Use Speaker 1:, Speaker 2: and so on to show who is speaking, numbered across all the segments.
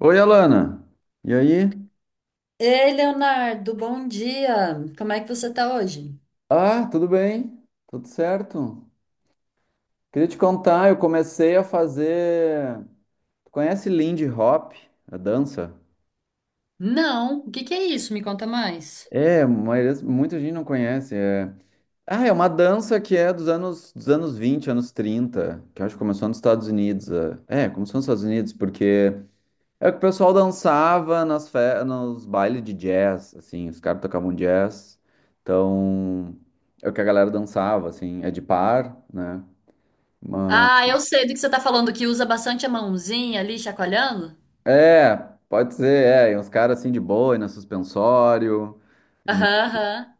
Speaker 1: Oi, Alana. E aí?
Speaker 2: Ei, Leonardo, bom dia. Como é que você tá hoje?
Speaker 1: Ah, tudo bem? Tudo certo? Queria te contar, eu comecei a fazer. Tu conhece Lindy Hop, a dança?
Speaker 2: Não, o que que é isso? Me conta mais.
Speaker 1: É, mas muita gente não conhece. Ah, é uma dança que é dos anos 20, anos 30, que eu acho que começou nos Estados Unidos. Começou nos Estados Unidos, porque é que o pessoal dançava nos bailes de jazz, assim, os caras tocavam jazz. Então, é o que a galera dançava, assim, é de par, né? Mas...
Speaker 2: Ah, eu sei do que você tá falando, que usa bastante a mãozinha ali, chacoalhando.
Speaker 1: É, pode ser, é, e uns caras assim de boa, na suspensório. E,
Speaker 2: Aham, aham.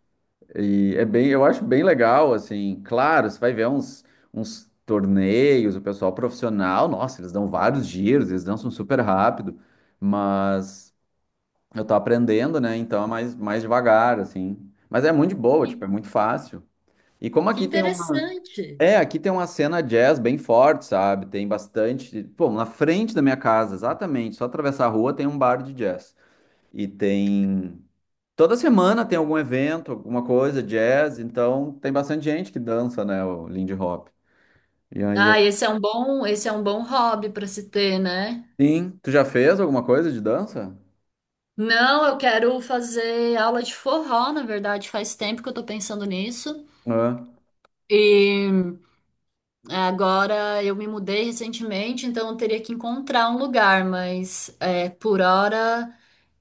Speaker 1: e é bem, eu acho bem legal, assim, claro, você vai ver uns, torneios, o pessoal profissional, nossa, eles dão vários giros, eles dançam super rápido, mas. Eu tô aprendendo, né? Então é mais devagar, assim. Mas é muito de boa,
Speaker 2: Que,
Speaker 1: tipo, é muito fácil. E como
Speaker 2: que
Speaker 1: aqui tem uma.
Speaker 2: interessante.
Speaker 1: É, aqui tem uma cena jazz bem forte, sabe? Tem bastante. Pô, na frente da minha casa, exatamente. Só atravessar a rua tem um bar de jazz. E tem. Toda semana tem algum evento, alguma coisa, jazz. Então tem bastante gente que dança, né? O Lindy Hop. E aí
Speaker 2: Ah,
Speaker 1: eu.
Speaker 2: esse é um bom hobby para se ter, né?
Speaker 1: Sim. Tu já fez alguma coisa de dança?
Speaker 2: Não, eu quero fazer aula de forró, na verdade, faz tempo que eu tô pensando nisso.
Speaker 1: Ah,
Speaker 2: E agora eu me mudei recentemente, então eu teria que encontrar um lugar, mas é, por hora.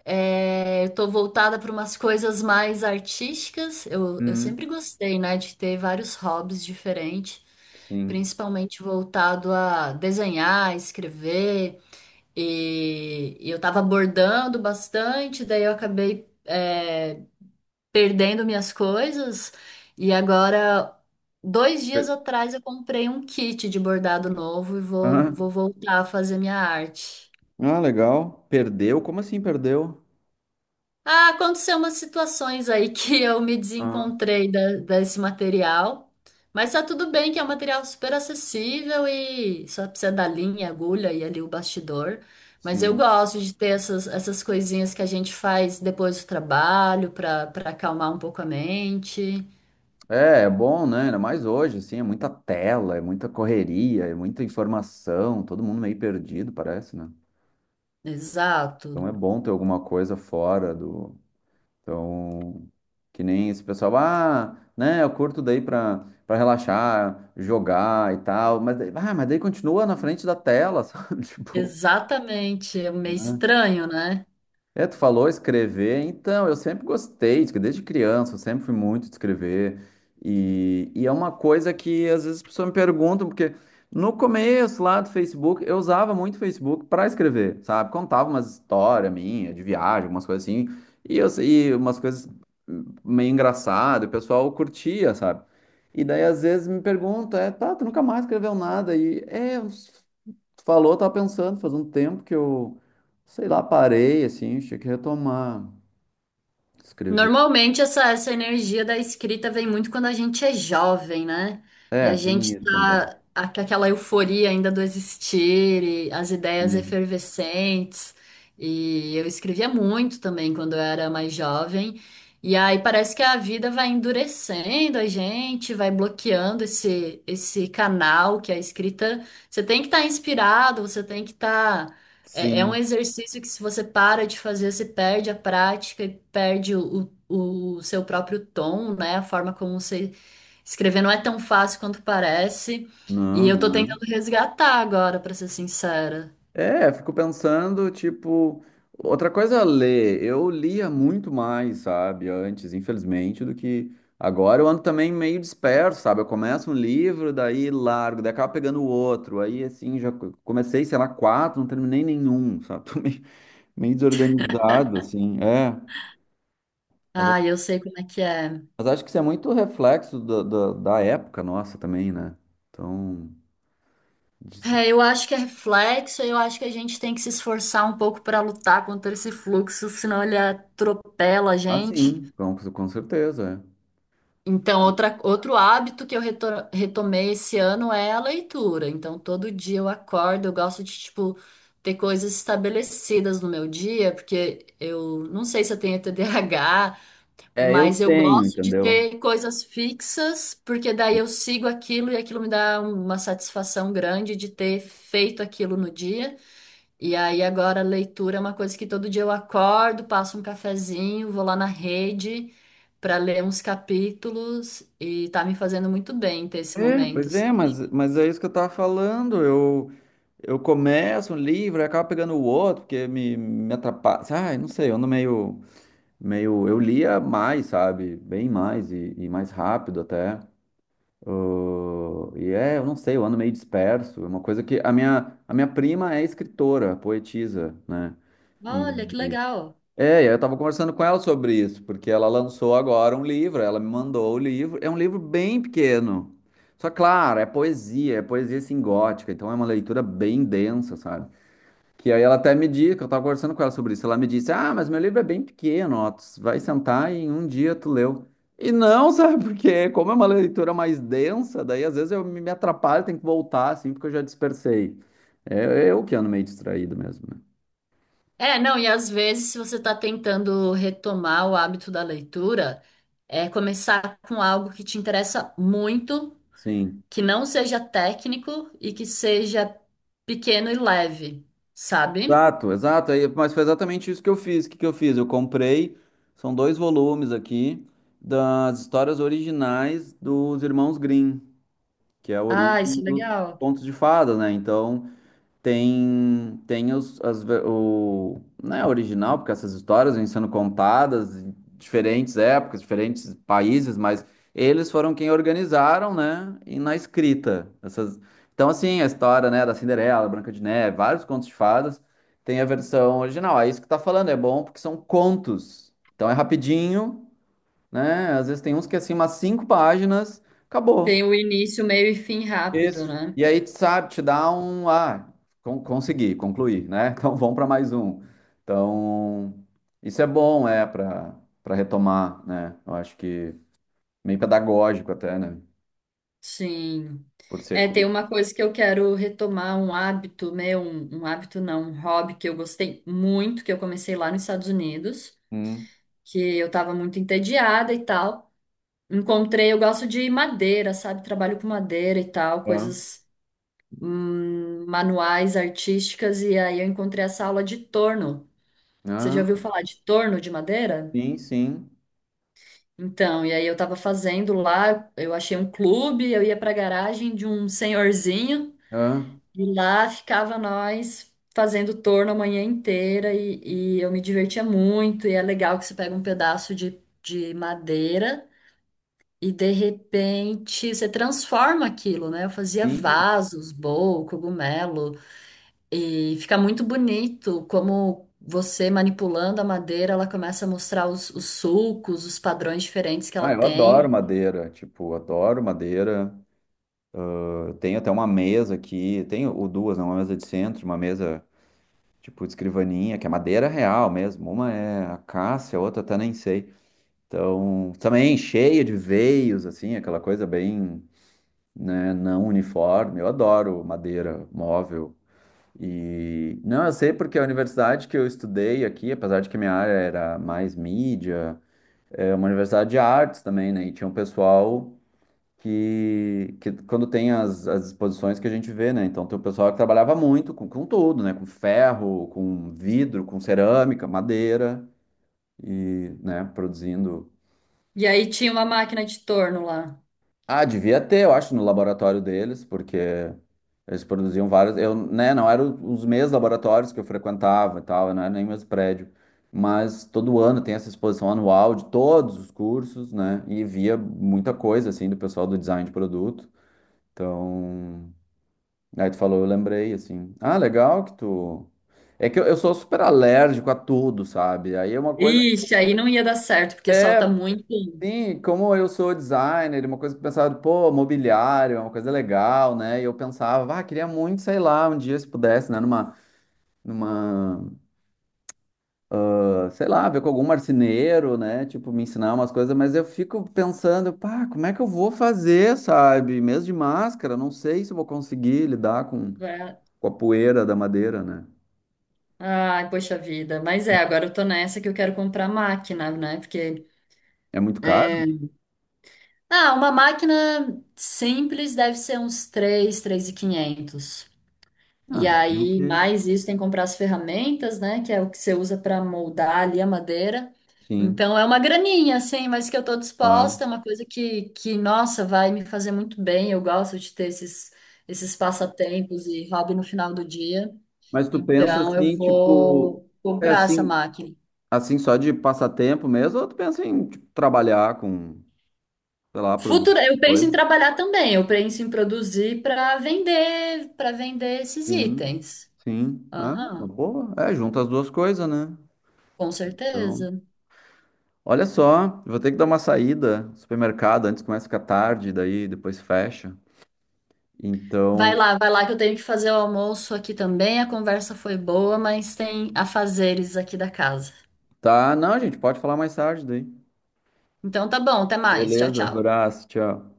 Speaker 2: É, eu tô voltada para umas coisas mais artísticas. Eu sempre
Speaker 1: hum,
Speaker 2: gostei, né, de ter vários hobbies diferentes,
Speaker 1: sim.
Speaker 2: principalmente voltado a desenhar, escrever. E eu tava bordando bastante, daí eu acabei, perdendo minhas coisas. E agora, dois dias atrás, eu comprei um kit de bordado novo e vou
Speaker 1: Aham.
Speaker 2: voltar a fazer minha arte.
Speaker 1: Ah, legal. Perdeu? Como assim perdeu?
Speaker 2: Ah, aconteceu umas situações aí que eu me
Speaker 1: Ah,
Speaker 2: desencontrei desse material, mas tá tudo bem que é um material super acessível e só precisa da linha, agulha e ali o bastidor. Mas eu
Speaker 1: sim.
Speaker 2: gosto de ter essas coisinhas que a gente faz depois do trabalho para acalmar um pouco a mente.
Speaker 1: É bom, né? Ainda mais hoje, assim, é muita tela, é muita correria, é muita informação, todo mundo meio perdido, parece, né?
Speaker 2: Exato.
Speaker 1: Então é bom ter alguma coisa fora do. Então, que nem esse pessoal, ah, né? Eu curto daí pra relaxar, jogar e tal, mas, ah, mas daí continua na frente da tela, sabe? Tipo.
Speaker 2: Exatamente. É meio estranho, né?
Speaker 1: É, tu falou escrever, então, eu sempre gostei, desde criança, eu sempre fui muito de escrever, e é uma coisa que às vezes as pessoas me perguntam, porque no começo lá do Facebook, eu usava muito o Facebook para escrever, sabe? Contava umas histórias minhas, de viagem, algumas coisas assim, e umas coisas meio engraçadas, o pessoal curtia, sabe? E daí às vezes me perguntam, é, tá, tu nunca mais escreveu nada, e é, tu falou, eu tava pensando, faz um tempo que eu sei lá, parei, assim, tinha que retomar, escrever.
Speaker 2: Normalmente essa energia da escrita vem muito quando a gente é jovem, né? E
Speaker 1: É,
Speaker 2: a
Speaker 1: tem
Speaker 2: gente
Speaker 1: isso também.
Speaker 2: com aquela euforia ainda do existir, e as ideias
Speaker 1: Sim.
Speaker 2: efervescentes. E eu escrevia muito também quando eu era mais jovem. E aí parece que a vida vai endurecendo a gente, vai bloqueando esse canal que é a escrita. Você tem que estar inspirado, você tem que estar é um
Speaker 1: Sim.
Speaker 2: exercício que, se você para de fazer, você perde a prática e perde o seu próprio tom, né? A forma como você escrever não é tão fácil quanto parece. E
Speaker 1: Não,
Speaker 2: eu tô
Speaker 1: não é.
Speaker 2: tentando resgatar agora, pra ser sincera.
Speaker 1: É, fico pensando, tipo, outra coisa é ler. Eu lia muito mais, sabe, antes, infelizmente, do que agora. Eu ando também meio disperso, sabe? Eu começo um livro, daí largo, daí acabo pegando o outro. Aí, assim, já comecei, sei lá, quatro, não terminei nenhum, sabe? Tô meio, desorganizado, assim. É.
Speaker 2: Ah, eu sei como é que é.
Speaker 1: Mas acho que isso é muito reflexo da época nossa também, né? Então, diz-
Speaker 2: É, eu acho que é reflexo, eu acho que a gente tem que se esforçar um pouco pra lutar contra esse fluxo, senão ele atropela a
Speaker 1: ah,
Speaker 2: gente.
Speaker 1: sim, com certeza.
Speaker 2: Então, outro hábito que eu retomei esse ano é a leitura. Então, todo dia eu acordo, eu gosto de, tipo, ter coisas estabelecidas no meu dia, porque eu não sei se eu tenho TDAH
Speaker 1: Eu
Speaker 2: mas eu
Speaker 1: tenho,
Speaker 2: gosto de
Speaker 1: entendeu?
Speaker 2: ter coisas fixas, porque daí eu sigo aquilo e aquilo me dá uma satisfação grande de ter feito aquilo no dia. E aí agora a leitura é uma coisa que todo dia eu acordo, passo um cafezinho, vou lá na rede para ler uns capítulos e tá me fazendo muito bem ter esse
Speaker 1: É,
Speaker 2: momento,
Speaker 1: pois é,
Speaker 2: sabe?
Speaker 1: mas é isso que eu tava falando. Eu começo um livro e acabo pegando o outro, porque me atrapalha. Ai, não sei, eu ando meio, meio. Eu lia mais, sabe? Bem mais e mais rápido até. E é, eu não sei, eu ando meio disperso. É uma coisa que. A minha prima é escritora, poetisa, né?
Speaker 2: Olha, que
Speaker 1: E,
Speaker 2: legal.
Speaker 1: e eu tava conversando com ela sobre isso, porque ela lançou agora um livro, ela me mandou o livro. É um livro bem pequeno. Só, claro, é poesia, é poesia, assim gótica, então é uma leitura bem densa, sabe? Que aí ela até me disse, que eu tava conversando com ela sobre isso, ela me disse, ah, mas meu livro é bem pequeno, ó, tu vai sentar e em um dia tu leu. E não, sabe, porque como é uma leitura mais densa, daí às vezes eu me atrapalho, tenho que voltar, assim, porque eu já dispersei. É é, eu que ando meio distraído mesmo, né?
Speaker 2: É, não, e às vezes se você está tentando retomar o hábito da leitura, é começar com algo que te interessa muito,
Speaker 1: Sim.
Speaker 2: que não seja técnico e que seja pequeno e leve, sabe?
Speaker 1: Exato, exato. Aí, mas foi exatamente isso que eu fiz. O que que eu fiz? Eu comprei, são dois volumes aqui, das histórias originais dos Irmãos Grimm, que é a origem
Speaker 2: Ah, isso é
Speaker 1: dos
Speaker 2: legal.
Speaker 1: contos de fadas, né? Então... Tem o, não é original, porque essas histórias vêm sendo contadas em diferentes épocas, diferentes países, mas eles foram quem organizaram, né? E na escrita. Essas, então, assim, a história, né, da Cinderela, Branca de Neve, vários contos de fadas, tem a versão original. É isso que tá falando, é bom porque são contos. Então é rapidinho, né? Às vezes tem uns que é assim, umas cinco páginas,
Speaker 2: Tem
Speaker 1: acabou.
Speaker 2: o início, meio e fim rápido,
Speaker 1: Isso.
Speaker 2: né?
Speaker 1: E aí, sabe, te dá um. Ah, consegui, concluí, né? Então vamos para mais um. Então, isso é bom, é, para retomar, né? Eu acho que meio pedagógico até, né?
Speaker 2: Sim.
Speaker 1: Por ser
Speaker 2: É, tem
Speaker 1: cru.
Speaker 2: uma coisa que eu quero retomar, um hábito meu, um hábito não, um hobby que eu gostei muito, que eu comecei lá nos Estados Unidos,
Speaker 1: Hum,
Speaker 2: que eu tava muito entediada e tal. Encontrei, eu gosto de madeira, sabe? Trabalho com madeira e tal,
Speaker 1: ah,
Speaker 2: coisas manuais, artísticas, e aí eu encontrei essa aula de torno. Você já
Speaker 1: ah,
Speaker 2: ouviu falar de torno de madeira?
Speaker 1: sim, sim.
Speaker 2: Então, e aí eu tava fazendo lá, eu achei um clube, eu ia pra garagem de um senhorzinho.
Speaker 1: Ah,
Speaker 2: E lá ficava nós fazendo torno a manhã inteira e eu me divertia muito. E é legal que você pega um pedaço de madeira e de repente você transforma aquilo, né? Eu fazia
Speaker 1: sim.
Speaker 2: vasos, bolo, cogumelo e fica muito bonito como você manipulando a madeira, ela começa a mostrar os sulcos, os padrões diferentes que
Speaker 1: Ah,
Speaker 2: ela
Speaker 1: eu
Speaker 2: tem.
Speaker 1: adoro madeira, tipo, adoro madeira. Eu tenho até uma mesa aqui, tenho ou duas, né? Uma mesa de centro, uma mesa tipo de escrivaninha, que é madeira real mesmo. Uma é acácia, a outra até nem sei. Então, também cheia de veios, assim, aquela coisa bem, né, não uniforme. Eu adoro madeira, móvel. E não, eu sei porque a universidade que eu estudei aqui, apesar de que minha área era mais mídia, é uma universidade de artes também, né? E tinha um pessoal que quando tem as exposições que a gente vê, né? Então tem o pessoal que trabalhava muito com tudo, né? Com ferro, com vidro, com cerâmica, madeira, e, né, produzindo.
Speaker 2: E aí tinha uma máquina de torno lá.
Speaker 1: Ah, devia ter, eu acho, no laboratório deles, porque eles produziam vários. Eu, né, não eram os mesmos laboratórios que eu frequentava e tal, não era nem o mesmo prédio. Mas todo ano tem essa exposição anual de todos os cursos, né? E via muita coisa, assim, do pessoal do design de produto. Então, aí tu falou, eu lembrei, assim. Ah, legal que tu. É que eu sou super alérgico a tudo, sabe? Aí é uma coisa.
Speaker 2: Ixi, aí não ia dar certo, porque solta
Speaker 1: É,
Speaker 2: muito,
Speaker 1: sim, como eu sou designer, uma coisa que eu pensava, pô, mobiliário, é uma coisa legal, né? E eu pensava, ah, queria muito, sei lá, um dia se pudesse, né, numa, numa, ah, sei lá, ver com algum marceneiro, né? Tipo, me ensinar umas coisas, mas eu fico pensando, pá, como é que eu vou fazer, sabe? Mesmo de máscara, não sei se eu vou conseguir lidar com,
Speaker 2: né?
Speaker 1: com a poeira da madeira, né?
Speaker 2: Ai, poxa vida. Mas é, agora eu tô nessa que eu quero comprar máquina, né? Porque
Speaker 1: É muito
Speaker 2: é,
Speaker 1: caro?
Speaker 2: ah, uma máquina simples deve ser uns 3, 3.500. E quinhentos. E
Speaker 1: Ah, ok.
Speaker 2: aí, mais isso, tem que comprar as ferramentas, né? Que é o que você usa para moldar ali a madeira.
Speaker 1: Sim,
Speaker 2: Então é uma graninha, assim, mas que eu tô
Speaker 1: claro.
Speaker 2: disposta, é uma coisa que, nossa, vai me fazer muito bem. Eu gosto de ter esses, esses passatempos e hobby no final do dia.
Speaker 1: Mas tu pensa
Speaker 2: Então eu
Speaker 1: assim, tipo,
Speaker 2: vou
Speaker 1: é
Speaker 2: comprar essa
Speaker 1: assim,
Speaker 2: máquina.
Speaker 1: assim, só de passatempo mesmo, ou tu pensa em tipo, trabalhar com, sei lá, produzir
Speaker 2: Futuro, eu penso em
Speaker 1: coisa?
Speaker 2: trabalhar também, eu penso em produzir para vender esses
Speaker 1: Sim,
Speaker 2: itens.
Speaker 1: sim. Ah, uma
Speaker 2: Aham,
Speaker 1: boa. É, junta as duas coisas, né?
Speaker 2: com
Speaker 1: Então,
Speaker 2: certeza.
Speaker 1: olha só, eu vou ter que dar uma saída no supermercado, antes começa a ficar tarde, daí depois fecha. Então,
Speaker 2: Vai lá que eu tenho que fazer o almoço aqui também. A conversa foi boa, mas tem afazeres aqui da casa.
Speaker 1: tá, não, gente, pode falar mais tarde daí.
Speaker 2: Então tá bom, até mais. Tchau,
Speaker 1: Beleza,
Speaker 2: tchau.
Speaker 1: abraço, tchau.